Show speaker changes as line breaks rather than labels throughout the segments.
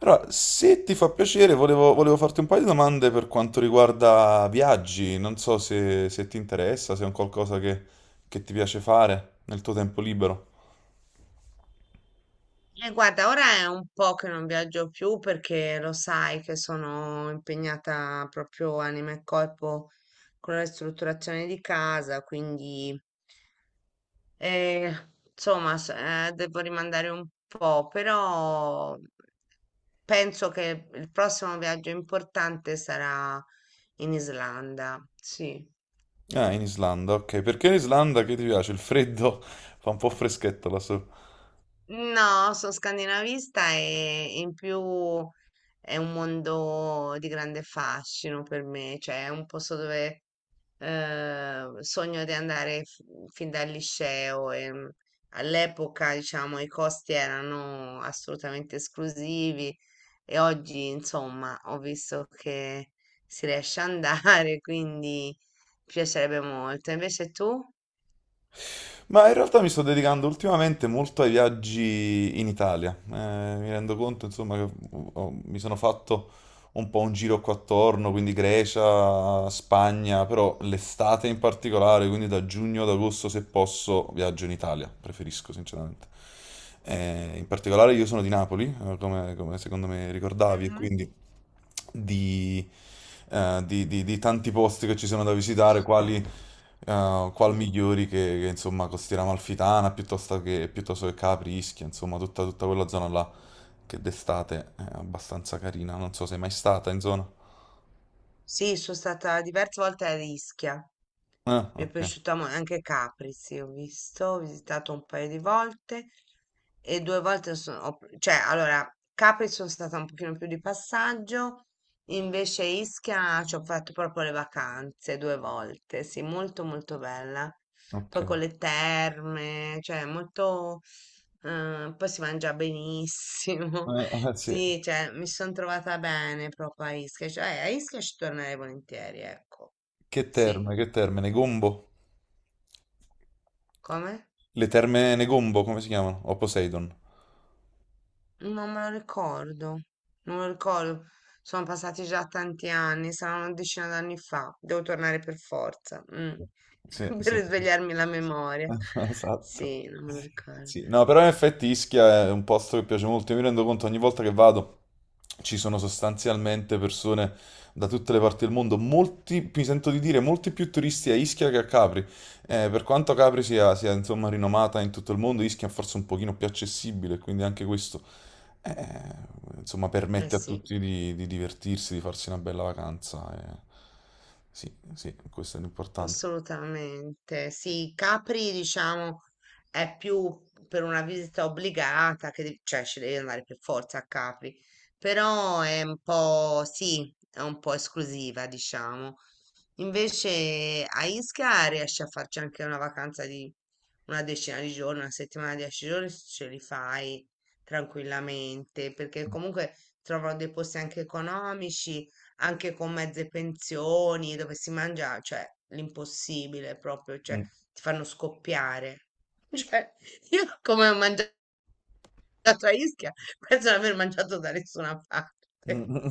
Allora, se ti fa piacere, volevo farti un paio di domande per quanto riguarda viaggi. Non so se ti interessa, se è un qualcosa che ti piace fare nel tuo tempo libero.
Guarda, ora è un po' che non viaggio più perché lo sai che sono impegnata proprio anima e corpo con la ristrutturazione di casa, quindi eh, insomma devo rimandare un po', però penso che il prossimo viaggio importante sarà in Islanda, sì.
Ah, in Islanda, ok. Perché in Islanda che ti piace? Il freddo fa un po' freschetto là su.
No, sono scandinavista e in più è un mondo di grande fascino per me, cioè è un posto dove sogno di andare fin dal liceo e all'epoca, diciamo, i costi erano assolutamente esclusivi e oggi, insomma, ho visto che si riesce ad andare, quindi mi piacerebbe molto. Invece tu?
Ma in realtà mi sto dedicando ultimamente molto ai viaggi in Italia. Mi rendo conto, insomma, che mi sono fatto un po' un giro qua attorno, quindi Grecia, Spagna, però l'estate in particolare, quindi da giugno ad agosto se posso viaggio in Italia, preferisco sinceramente. In particolare io sono di Napoli, come secondo me ricordavi, e quindi di, di tanti posti che ci sono da visitare, quali, qual migliori che, insomma Costiera Amalfitana piuttosto che Capri, Ischia, insomma tutta quella zona là che d'estate è abbastanza carina, non so se è mai stata in zona.
Sì, sono stata diverse volte a Ischia.
Ah,
Mi è piaciuta anche Capri, sì, ho visto, ho visitato un paio di volte e due volte cioè, allora, Capri sono stata un pochino più di passaggio, invece Ischia ci ho fatto proprio le vacanze due volte, sì, molto molto bella,
ok.
poi con le terme, cioè molto, poi si mangia benissimo.
Sì.
Sì, cioè mi sono trovata bene proprio a Ischia, cioè a Ischia ci tornerei volentieri, ecco. Sì,
Che terme, Negombo?
come?
Le terme Negombo, come si chiamano? O Poseidon?
Non me lo ricordo, non me lo ricordo. Sono passati già tanti anni, saranno una decina d'anni fa. Devo tornare per forza,
Sì,
per
sì.
risvegliarmi la memoria.
Esatto.
Sì, non me lo ricordo.
Sì, no, però in effetti Ischia è un posto che piace molto. Io mi rendo conto ogni volta che vado ci sono sostanzialmente persone da tutte le parti del mondo. Molti, mi sento di dire, molti più turisti a Ischia che a Capri. Per quanto Capri sia, insomma rinomata in tutto il mondo, Ischia è forse un pochino più accessibile, quindi anche questo eh, insomma
Eh
permette a
sì.
tutti di divertirsi, di farsi una bella vacanza. Eh. Sì, sì, questo è l'importante.
Assolutamente. Sì, Capri, diciamo, è più per una visita obbligata, che cioè ci devi andare per forza a Capri, però è un po', sì, è un po' esclusiva, diciamo. Invece a Ischia riesci a farci anche una vacanza di una decina di giorni, una settimana, 10 giorni, ce li fai tranquillamente, perché comunque trovano dei posti anche economici anche con mezze pensioni, dove si mangia, cioè l'impossibile proprio, cioè ti fanno scoppiare. Cioè, io come ho mangiato a Ischia, penso di aver mangiato da nessuna parte.
Mm.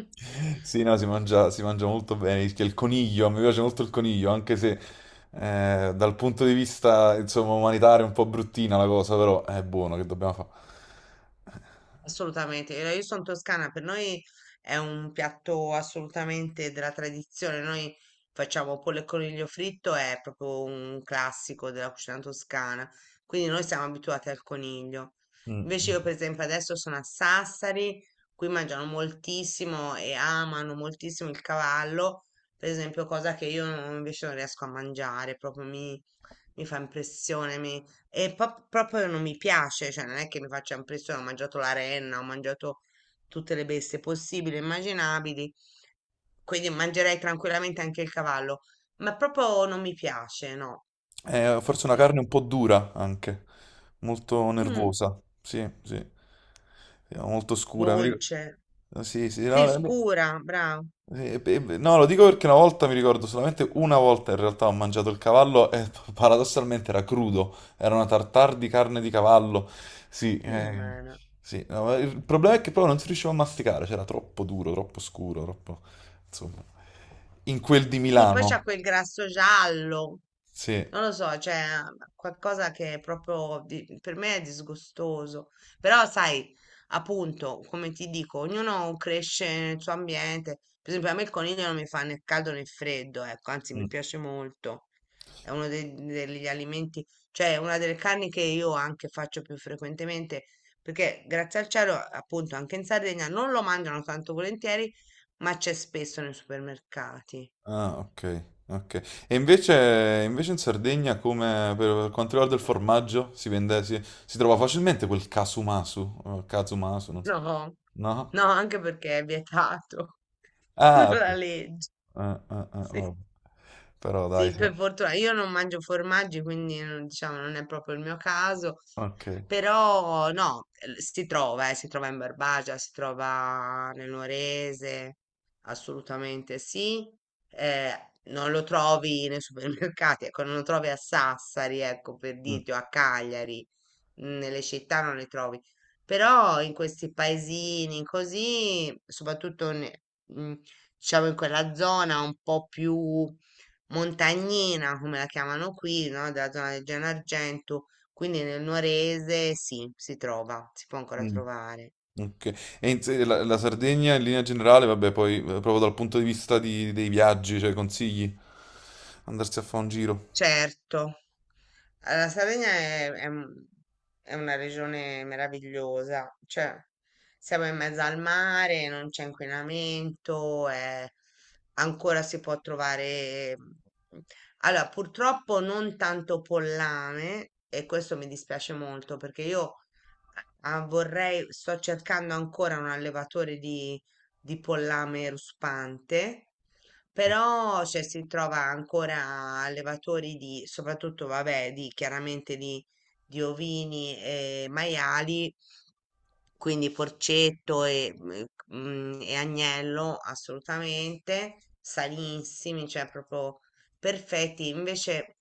Sì, no, si mangia molto bene. Il coniglio, mi piace molto il coniglio, anche se dal punto di vista, insomma, umanitario è un po' bruttina la cosa, però è buono, che dobbiamo fare?
Assolutamente, io sono toscana, per noi è un piatto assolutamente della tradizione, noi facciamo pollo e coniglio fritto, è proprio un classico della cucina toscana, quindi noi siamo abituati al coniglio. Invece
Mm.
io per esempio adesso sono a Sassari, qui mangiano moltissimo e amano moltissimo il cavallo, per esempio cosa che io invece non riesco a mangiare, proprio mi fa impressione, e proprio non mi piace, cioè non è che mi faccia impressione, ho mangiato la renna, ho mangiato tutte le bestie possibili e immaginabili, quindi mangerei tranquillamente anche il cavallo, ma proprio non mi piace, no,
È forse una
no.
carne un po' dura anche, molto
Mm,
nervosa, sì, sì. Sì, molto scura.
dolce,
Sì, sì, no.
sì, scura, bravo.
Beh, beh, no, lo dico perché una volta mi ricordo solamente una volta in realtà ho mangiato il cavallo e paradossalmente era crudo, era una tartare di carne di cavallo. Sì,
Sì, mana.
sì, no, ma il problema è che proprio non si riusciva a masticare, c'era troppo duro, troppo scuro, troppo... insomma. In quel di
Sì, poi
Milano.
c'ha quel grasso giallo.
Sì.
Non lo so, cioè qualcosa che è proprio per me è disgustoso, però sai, appunto, come ti dico, ognuno cresce nel suo ambiente. Per esempio, a me il coniglio non mi fa né caldo né freddo, ecco, anzi mi
Mm.
piace molto. È uno degli alimenti, cioè una delle carni che io anche faccio più frequentemente, perché grazie al cielo, appunto, anche in Sardegna non lo mangiano tanto volentieri, ma c'è spesso nei supermercati.
Ah, ok. E invece in Sardegna, come per quanto riguarda il formaggio, si vende, si trova facilmente quel casumasu, casumasu, non so.
No, no,
No?
anche perché è vietato
Ah,
dalla
pu-
legge.
ah, ah, ah,
Sì.
vabbè. Però dai,
Sì,
sì.
per fortuna io non mangio formaggi, quindi non, diciamo non è proprio il mio caso,
Ok.
però no, si trova in Barbagia, si trova nel Nuorese, assolutamente sì. Eh, non lo trovi nei supermercati, ecco, non lo trovi a Sassari, ecco, per
Mm,
dirti, o a Cagliari, nelle città non le trovi, però in questi paesini così, soprattutto diciamo in quella zona un po' più montagnina, come la chiamano qui, no? Della zona del Gennargentu, quindi nel Nuorese sì, si trova, si può ancora
mm,
trovare.
ok. E in se- la, la Sardegna in linea generale, vabbè, poi proprio dal punto di vista dei viaggi, cioè consigli andarsi a fare un giro.
Certo. La Sardegna è è una regione meravigliosa, cioè siamo in mezzo al mare, non c'è inquinamento, ancora si può trovare... allora, purtroppo non tanto pollame e questo mi dispiace molto perché io vorrei, sto cercando ancora un allevatore di pollame ruspante, però cioè, si trova ancora allevatori di, soprattutto vabbè, di, chiaramente di, ovini e maiali, quindi porcetto e, e agnello assolutamente sanissimi, cioè proprio perfetti. Invece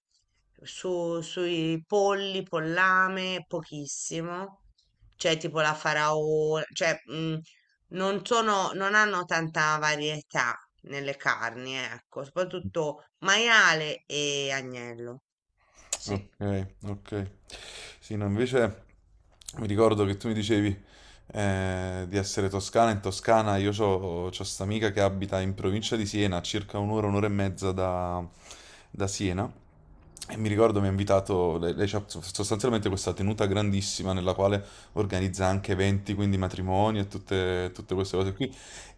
sui polli, pollame, pochissimo. Cioè tipo la faraola, cioè non sono, non hanno tanta varietà nelle carni, ecco, soprattutto maiale e agnello. Sì,
Ok, ok. Sì, no, invece mi ricordo che tu mi dicevi di essere toscana. In Toscana io ho questa amica che abita in provincia di Siena, a circa un'ora, un'ora e mezza da, da Siena. E mi ricordo mi ha invitato, lei c'ha so, sostanzialmente questa tenuta grandissima nella quale organizza anche eventi, quindi matrimoni e tutte queste cose qui.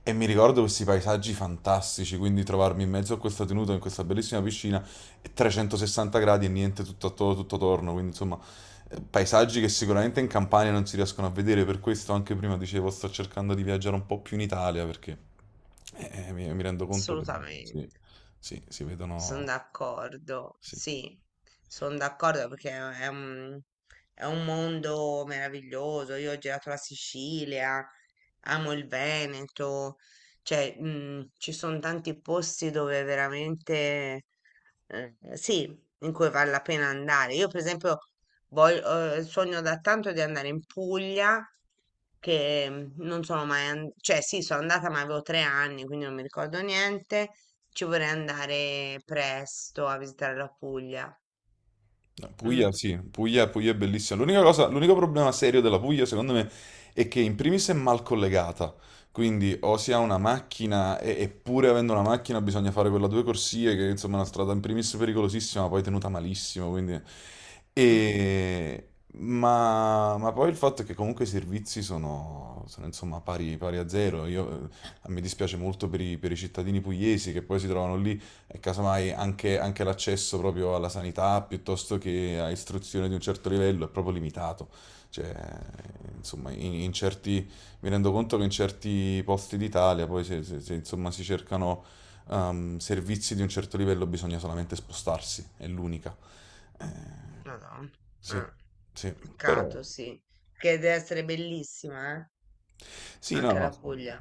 E mi ricordo questi paesaggi fantastici, quindi trovarmi in mezzo a questa tenuta, in questa bellissima piscina. 360 gradi e niente tutto attorno, tutto attorno, quindi insomma paesaggi che sicuramente in Campania non si riescono a vedere, per questo anche prima dicevo sto cercando di viaggiare un po' più in Italia perché mi rendo conto che
assolutamente.
sì, sì, si
Sono
vedono...
d'accordo,
sì.
sì, sono d'accordo perché è, è un, è un mondo meraviglioso. Io ho girato la Sicilia, amo il Veneto, cioè ci sono tanti posti dove veramente sì, in cui vale la pena andare. Io, per esempio, voglio, sogno da tanto di andare in Puglia, che non sono mai andata, cioè sì, sono andata ma avevo 3 anni, quindi non mi ricordo niente. Ci vorrei andare presto a visitare la Puglia.
No,
Mm,
Puglia, sì, Puglia è bellissima. L'unica cosa, l'unico problema serio della Puglia, secondo me, è che in primis è mal collegata. Quindi o si ha una macchina, e, eppure avendo una macchina bisogna fare quella due corsie, che insomma è una strada in primis pericolosissima, ma poi tenuta malissimo. Quindi...
mm,
e... Ma poi il fatto è che comunque i servizi sono, insomma pari a zero. Io, mi dispiace molto per per i cittadini pugliesi che poi si trovano lì e casomai anche l'accesso proprio alla sanità piuttosto che a istruzione di un certo livello è proprio limitato. Cioè, insomma, in certi, mi rendo conto che in certi posti d'Italia poi se, insomma, si cercano servizi di un certo livello bisogna solamente spostarsi, è l'unica. Eh,
Madonna.
sì,
Eh,
sì, però...
Peccato, sì. Che deve essere bellissima, eh?
Sì, no,
Anche
no,
la Puglia.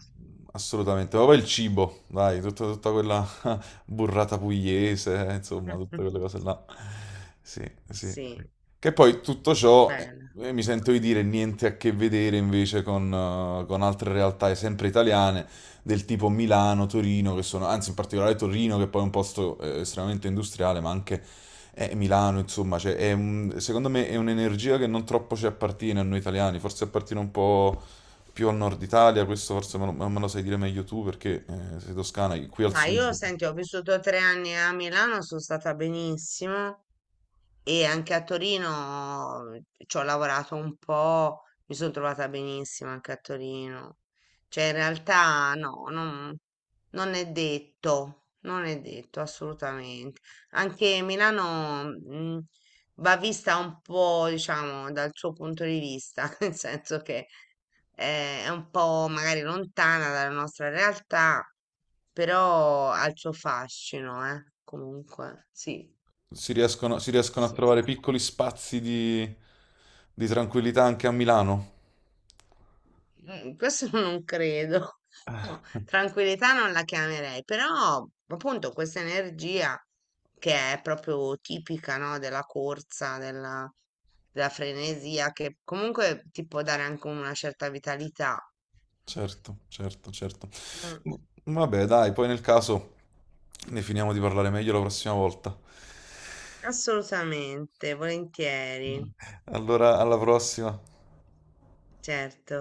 assolutamente. Ma poi il cibo, dai, tutta quella, burrata pugliese, insomma, tutte quelle cose là. Sì, sì. Sì.
Sì,
Che poi tutto ciò,
bella.
mi sento di dire, niente a che vedere invece con altre realtà, sempre italiane, del tipo Milano, Torino, che sono, anzi in particolare Torino, che poi è un posto estremamente industriale, ma anche Milano, insomma, cioè, è un- secondo me è un'energia che non troppo ci appartiene a noi italiani, forse appartiene un po' più al nord Italia, questo forse me lo sai dire meglio tu perché sei toscana, qui al
Ma io,
sud.
senti, ho vissuto 3 anni a Milano, sono stata benissimo. E anche a Torino ci ho lavorato un po', mi sono trovata benissimo anche a Torino. Cioè, in realtà no, non è detto, non è detto assolutamente. Anche Milano, va vista un po', diciamo, dal suo punto di vista, nel senso che è un po' magari lontana dalla nostra realtà, però ha il suo fascino, comunque, sì.
Si riescono a
Sì.
trovare piccoli spazi di tranquillità anche a Milano.
Mm, questo non credo. No, tranquillità non la chiamerei, però appunto questa energia che è proprio tipica, no, della corsa, della frenesia, che comunque ti può dare anche una certa vitalità.
Certo, certo, certo.
Mm,
M- vabbè, dai, poi nel caso ne finiamo di parlare meglio la prossima volta.
assolutamente, volentieri,
Allora, alla prossima.
certo.